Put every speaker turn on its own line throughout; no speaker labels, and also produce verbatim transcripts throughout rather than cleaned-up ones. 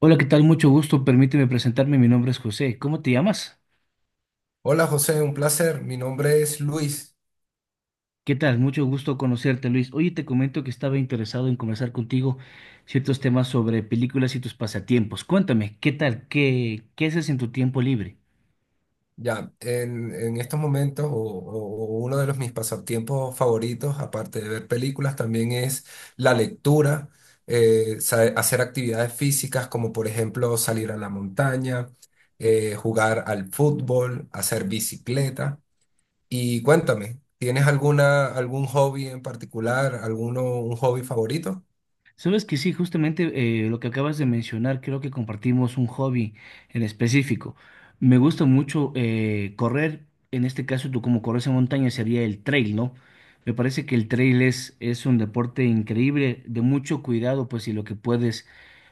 Hola, ¿qué tal? Mucho gusto. Permíteme presentarme. Mi nombre es José. ¿Cómo te llamas?
Hola José, un placer. Mi nombre es Luis.
¿Qué tal? Mucho gusto conocerte, Luis. Oye, te comento que estaba interesado en conversar contigo ciertos temas sobre películas y tus pasatiempos. Cuéntame, ¿qué tal? ¿Qué, qué haces en tu tiempo libre?
Ya, en, en estos momentos, o, o- o uno de los, mis pasatiempos favoritos, aparte de ver películas, también es la lectura, eh, sa- hacer actividades físicas como por ejemplo salir a la montaña, eh, jugar al fútbol, hacer bicicleta. Y cuéntame, ¿tienes alguna, algún hobby en particular, alguno, un hobby favorito?
Sabes que sí, justamente eh, lo que acabas de mencionar, creo que compartimos un hobby en específico. Me gusta mucho eh, correr, en este caso tú como corres en montaña sería el trail, ¿no? Me parece que el trail es, es un deporte increíble, de mucho cuidado, pues y lo que puedes,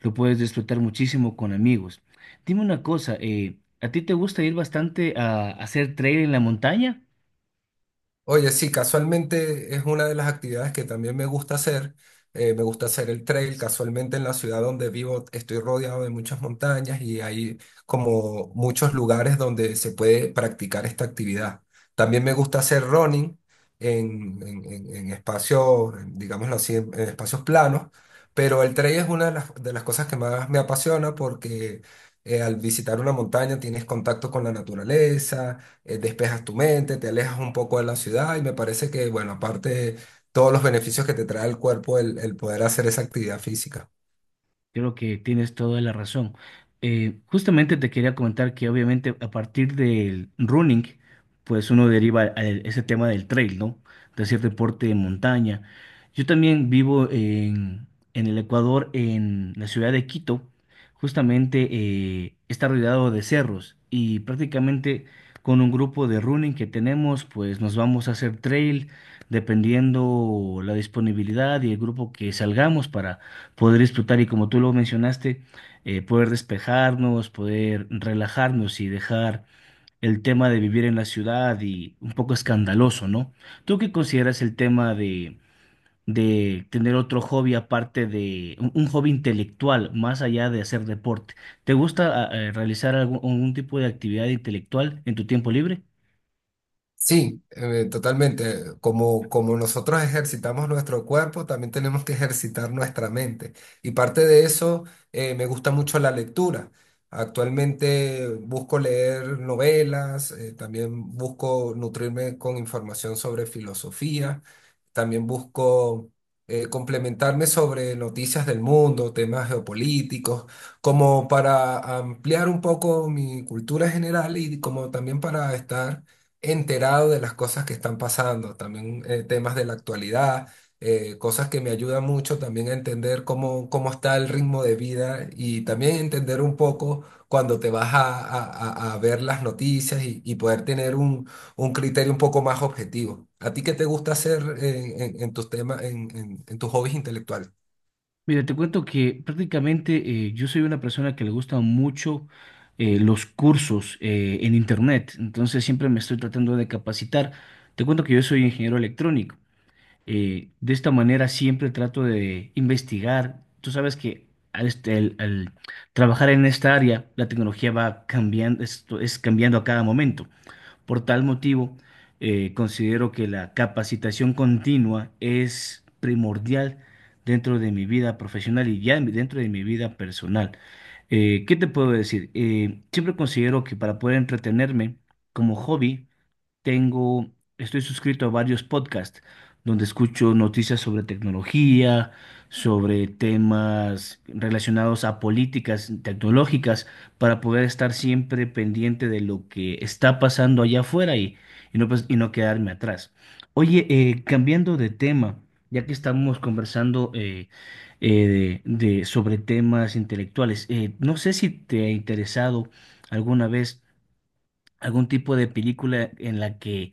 lo puedes disfrutar muchísimo con amigos. Dime una cosa, eh, ¿a ti te gusta ir bastante a, a hacer trail en la montaña?
Oye, sí, casualmente es una de las actividades que también me gusta hacer. Eh, me gusta hacer el trail. Casualmente en la ciudad donde vivo estoy rodeado de muchas montañas y hay como muchos lugares donde se puede practicar esta actividad. También me gusta hacer running en, en, en- en espacios, digámoslo así, en, en espacios planos, pero el trail es una de las, de las cosas que más me apasiona porque eh, al visitar una montaña tienes contacto con la naturaleza. Eh, despejas tu mente, te alejas un poco de la ciudad y me parece que, bueno, aparte todos los beneficios que te trae el cuerpo el el poder hacer esa actividad física.
Creo que tienes toda la razón. Eh, justamente te quería comentar que obviamente a partir del running, pues uno deriva a el- ese tema del trail, ¿no? De hacer deporte de montaña. Yo también vivo en, en el Ecuador, en la ciudad de Quito. Justamente eh, está rodeado de cerros y prácticamente con un grupo de running que tenemos, pues nos vamos a hacer trail dependiendo la disponibilidad y el grupo que salgamos para poder disfrutar y como tú lo mencionaste, eh, poder despejarnos, poder relajarnos y dejar el tema de vivir en la ciudad y un poco escandaloso, ¿no? ¿Tú qué consideras el tema de, de tener otro hobby aparte de un, un hobby intelectual, más allá de hacer deporte? ¿Te gusta ah, eh, realizar algún, algún tipo de actividad intelectual en tu tiempo libre?
Sí, eh, totalmente. Como, como nosotros ejercitamos nuestro cuerpo, también tenemos que ejercitar nuestra mente. Y parte de eso, eh, me gusta mucho la lectura. Actualmente busco leer novelas, eh, también busco nutrirme con información sobre filosofía, también busco eh, complementarme sobre noticias del mundo, temas geopolíticos, como para ampliar un poco mi cultura general y como también para estar enterado de las cosas que están pasando, también eh, temas de la actualidad, eh, cosas que me ayudan mucho también a entender cómo, cómo está el ritmo de vida y también entender un poco cuando te vas a, a- a- a ver las noticias y, y poder tener un, un criterio un poco más objetivo. ¿A ti qué te gusta hacer en, en- en tus temas, en, en en tus hobbies intelectuales?
Mira, te cuento que prácticamente eh, yo soy una persona que le gustan mucho eh, los cursos eh, en internet, entonces siempre me estoy tratando de capacitar. Te cuento que yo soy ingeniero electrónico. Eh, de esta manera siempre trato de investigar. Tú sabes que al, este- al- al trabajar en esta área, la tecnología va cambiando, esto es cambiando a cada momento. Por tal motivo, eh, considero que la capacitación continua es primordial dentro de mi vida profesional y ya en- dentro de mi vida personal. Eh, ¿qué te puedo decir? Eh, siempre considero que para poder entretenerme como hobby, tengo, estoy suscrito a varios podcasts donde escucho noticias sobre tecnología, sobre temas relacionados a políticas tecnológicas, para poder estar siempre pendiente de lo que está pasando allá afuera y, y no, pues- y no quedarme atrás. Oye, eh, cambiando de tema, ya que estamos conversando eh, eh, de, de- sobre temas intelectuales, eh, no sé si te ha interesado alguna vez algún tipo de película en la que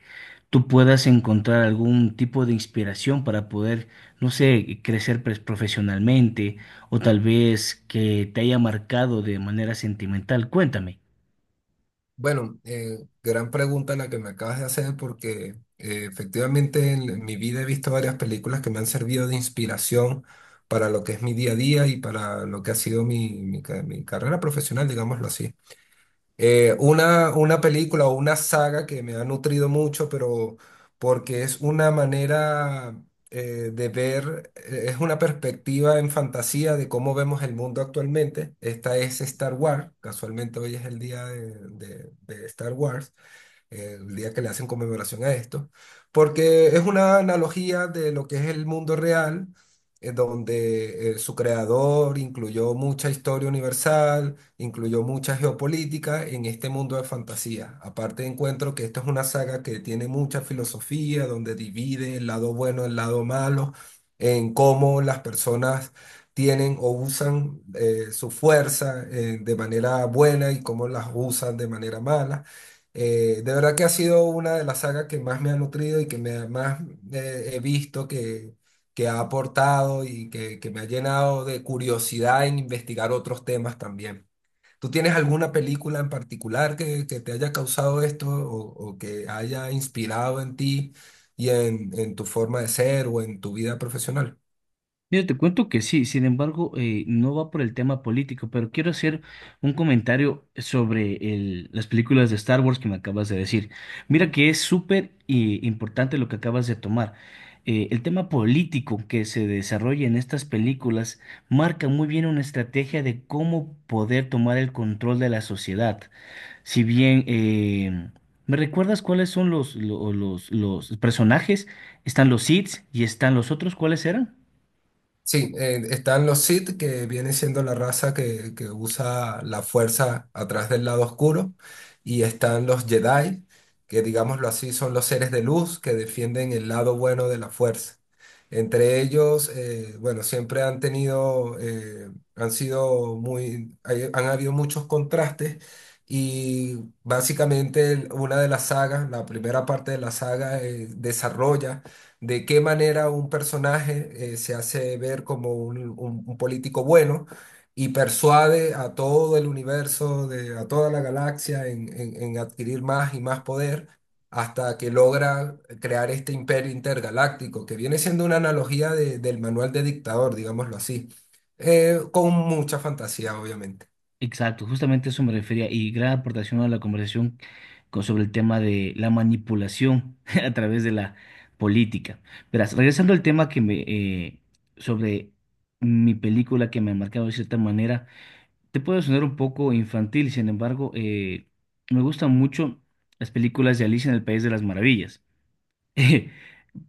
tú puedas encontrar algún tipo de inspiración para poder, no sé, crecer pues, profesionalmente o tal vez que te haya marcado de manera sentimental. Cuéntame.
Bueno, eh, gran pregunta la que me acabas de hacer porque eh, efectivamente en mi vida he visto varias películas que me han servido de inspiración para lo que es mi día a día y para lo que ha sido mi, mi ca- mi carrera profesional, digámoslo así. Eh, una, una película o una saga que me ha nutrido mucho, pero porque es una manera eh, de ver, eh, es una perspectiva en fantasía de cómo vemos el mundo actualmente. Esta es Star Wars, casualmente hoy es el día de, de de Star Wars, eh, el día que le hacen conmemoración a esto, porque es una analogía de lo que es el mundo real, en donde eh, su creador incluyó mucha historia universal, incluyó mucha geopolítica en este mundo de fantasía. Aparte encuentro que esto es una saga que tiene mucha filosofía, donde divide el lado bueno, el lado malo, en cómo las personas tienen o usan eh, su fuerza eh, de manera buena y cómo las usan de manera mala. Eh, de verdad que ha sido una de las sagas que más me ha nutrido y que me, ha- más eh, he visto que, que ha aportado y que, que me ha llenado de curiosidad en investigar otros temas también. ¿Tú tienes alguna película en particular que, que te haya causado esto o, o que haya inspirado en ti y en, en tu forma de ser o en tu vida profesional?
Mira, te cuento que sí, sin embargo, eh, no va por el tema político, pero quiero hacer un comentario sobre el- las películas de Star Wars que me acabas de decir. Mira que es súper eh, importante lo que acabas de tomar. Eh, el tema político que se desarrolla en estas películas marca muy bien una estrategia de cómo poder tomar el control de la sociedad. Si bien, eh, ¿me recuerdas cuáles son los, lo- los, los personajes? Están los Sith y están los otros, ¿cuáles eran?
Sí, eh, están los Sith, que viene siendo la raza que, que usa la fuerza atrás del lado oscuro, y están los Jedi, que digámoslo así, son los seres de luz que defienden el lado bueno de la fuerza. Entre ellos, eh, bueno, siempre han tenido, eh, han sido muy, hay- han habido muchos contrastes y básicamente el- una de las sagas, la primera parte de la saga, eh, desarrolla de qué manera un personaje eh, se hace ver como un, un- un político bueno y persuade a todo el universo, de, a toda la galaxia en, en- en adquirir más y más poder hasta que logra crear este imperio intergaláctico, que viene siendo una analogía de- del manual de dictador, digámoslo así. Eh, con mucha fantasía, obviamente.
Exacto, justamente eso me refería y gran aportación a la conversación con- sobre el tema de la manipulación a través de la política. Verás, regresando al tema que me eh, sobre mi película que me ha marcado de cierta manera, te puede sonar un poco infantil, sin embargo, eh, me gustan mucho las películas de Alicia en el País de las Maravillas.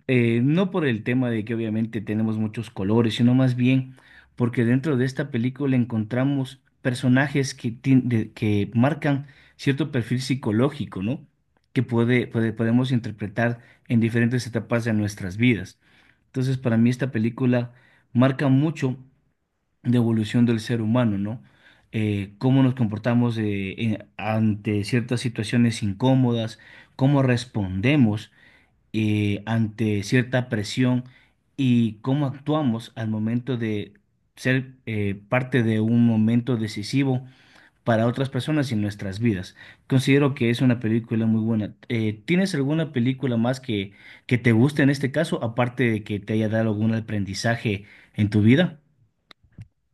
Eh, no por el tema de que obviamente tenemos muchos colores, sino más bien porque dentro de esta película encontramos personajes que, tien- de- que marcan cierto perfil psicológico, ¿no? Que puede, puede- podemos interpretar en diferentes etapas de nuestras vidas. Entonces, para mí esta película marca mucho de evolución del ser humano, ¿no? Eh, cómo nos comportamos eh, en- ante ciertas situaciones incómodas, cómo respondemos eh, ante cierta presión y cómo actuamos al momento de ser eh, parte de un momento decisivo para otras personas en nuestras vidas. Considero que es una película muy buena. Eh, ¿tienes alguna película más que, que te guste en este caso, aparte de que te haya dado algún aprendizaje en tu vida?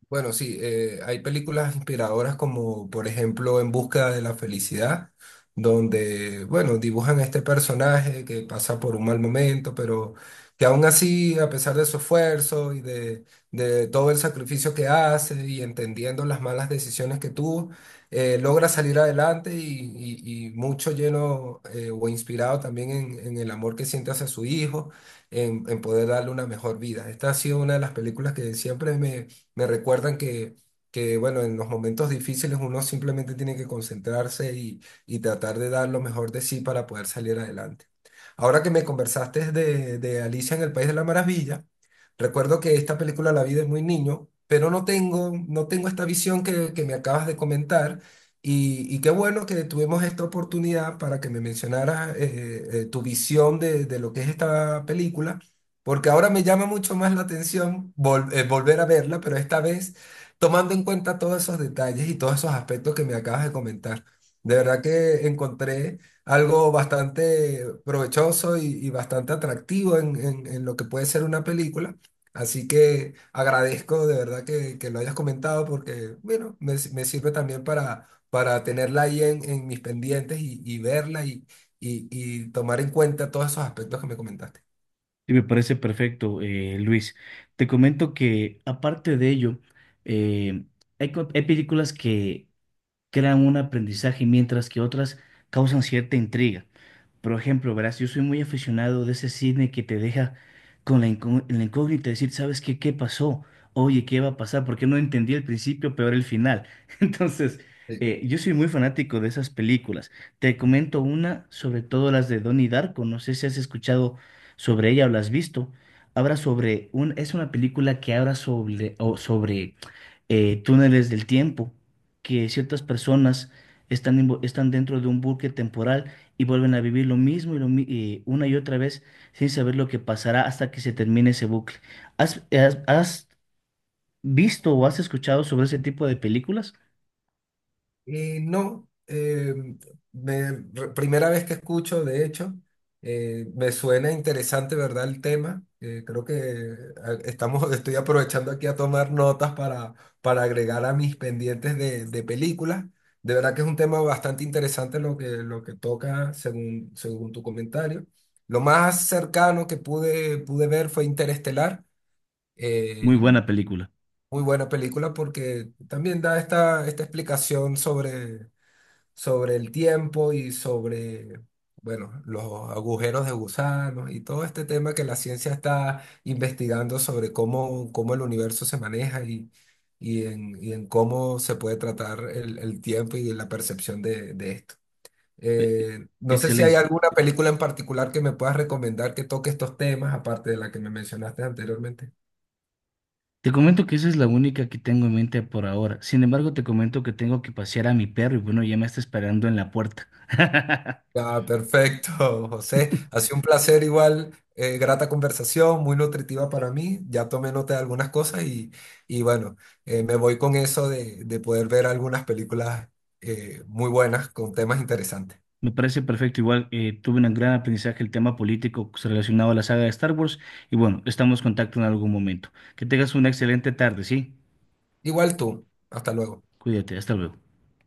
Bueno, sí, eh, hay películas inspiradoras como por ejemplo En Búsqueda de la Felicidad, donde, bueno, dibujan a este personaje que pasa por un mal momento, pero que aún así, a pesar de su esfuerzo y de, de todo el sacrificio que hace y entendiendo las malas decisiones que tuvo, eh, logra salir adelante y, y- y mucho lleno eh, o inspirado también en, en el amor que siente hacia su hijo, en, en poder darle una mejor vida. Esta ha sido una de las películas que siempre me me recuerdan que, que, bueno, en los momentos difíciles uno simplemente tiene que concentrarse y, y tratar de dar lo mejor de sí para poder salir adelante. Ahora que me conversaste de, de Alicia en el País de la Maravilla, recuerdo que esta película la vi de muy niño, pero no tengo, no tengo esta visión que, que me acabas de comentar. Y, y qué bueno que tuvimos esta oportunidad para que me mencionaras eh, eh, tu visión de de lo que es esta película porque ahora me llama mucho más la atención vol- eh, volver a verla, pero esta vez tomando en cuenta todos esos detalles y todos esos aspectos que me acabas de comentar. De verdad que encontré algo bastante provechoso y, y bastante atractivo en, en- en lo que puede ser una película. Así que agradezco de verdad que, que lo hayas comentado porque, bueno, me, s- me sirve también para, para tenerla ahí en, en mis pendientes y, y verla y, y y tomar en cuenta todos esos aspectos que me comentaste.
Sí, me parece perfecto, eh, Luis. Te comento que aparte de ello, eh, hay, co- hay películas que crean un aprendizaje, mientras que otras causan cierta intriga. Por ejemplo, verás, yo soy muy aficionado de ese cine que te deja con la, incó- la incógnita, decir, ¿sabes qué? ¿Qué pasó? Oye, ¿qué va a pasar? Porque no entendí el principio, peor el final. Entonces, eh, yo soy muy fanático de esas películas. Te comento una, sobre todo las de Donnie Darko. No sé si has escuchado sobre ella o la has visto. Habla sobre un, es una película que habla sobre, o sobre eh, túneles del tiempo que ciertas personas están, invo- están dentro de un bucle temporal y vuelven a vivir lo mismo y, lo mi- y una y otra vez sin saber lo que pasará hasta que se termine ese bucle. ¿Has, has- has visto o has escuchado sobre ese tipo de películas?
Y no, eh, me- re- primera vez que escucho, de hecho, eh, me suena interesante, ¿verdad? El tema. Eh, creo que a- estamos, estoy aprovechando aquí a tomar notas para, para agregar a mis pendientes de, de películas. De verdad que es un tema bastante interesante lo que, lo que toca según, según tu comentario. Lo más cercano que pude, pude ver fue Interestelar. Eh,
Muy buena película.
muy buena película porque también da esta, esta explicación sobre sobre el tiempo y sobre, bueno, los agujeros de gusanos y todo este tema que la ciencia está investigando sobre cómo, cómo el universo se maneja y, y, en, y en cómo se puede tratar el, el tiempo y la percepción de, de esto.
E-
Eh, no sé si hay
Excelente.
alguna película en particular que me puedas recomendar que toque estos temas, aparte de la que me mencionaste anteriormente.
Te comento que esa es la única que tengo en mente por ahora. Sin embargo, te comento que tengo que pasear a mi perro y bueno, ya me está esperando en la puerta.
Ya, perfecto, José. Ha sido un placer igual, eh, grata conversación, muy nutritiva para mí. Ya tomé nota de algunas cosas y, y bueno, eh, me voy con eso de, de poder ver algunas películas eh, muy buenas con temas interesantes.
Me parece perfecto. Igual eh, tuve un gran aprendizaje el tema político relacionado a la saga de Star Wars. Y bueno, estamos en contacto en algún momento. Que tengas una excelente tarde, ¿sí?
Igual tú. Hasta luego.
Cuídate, hasta luego.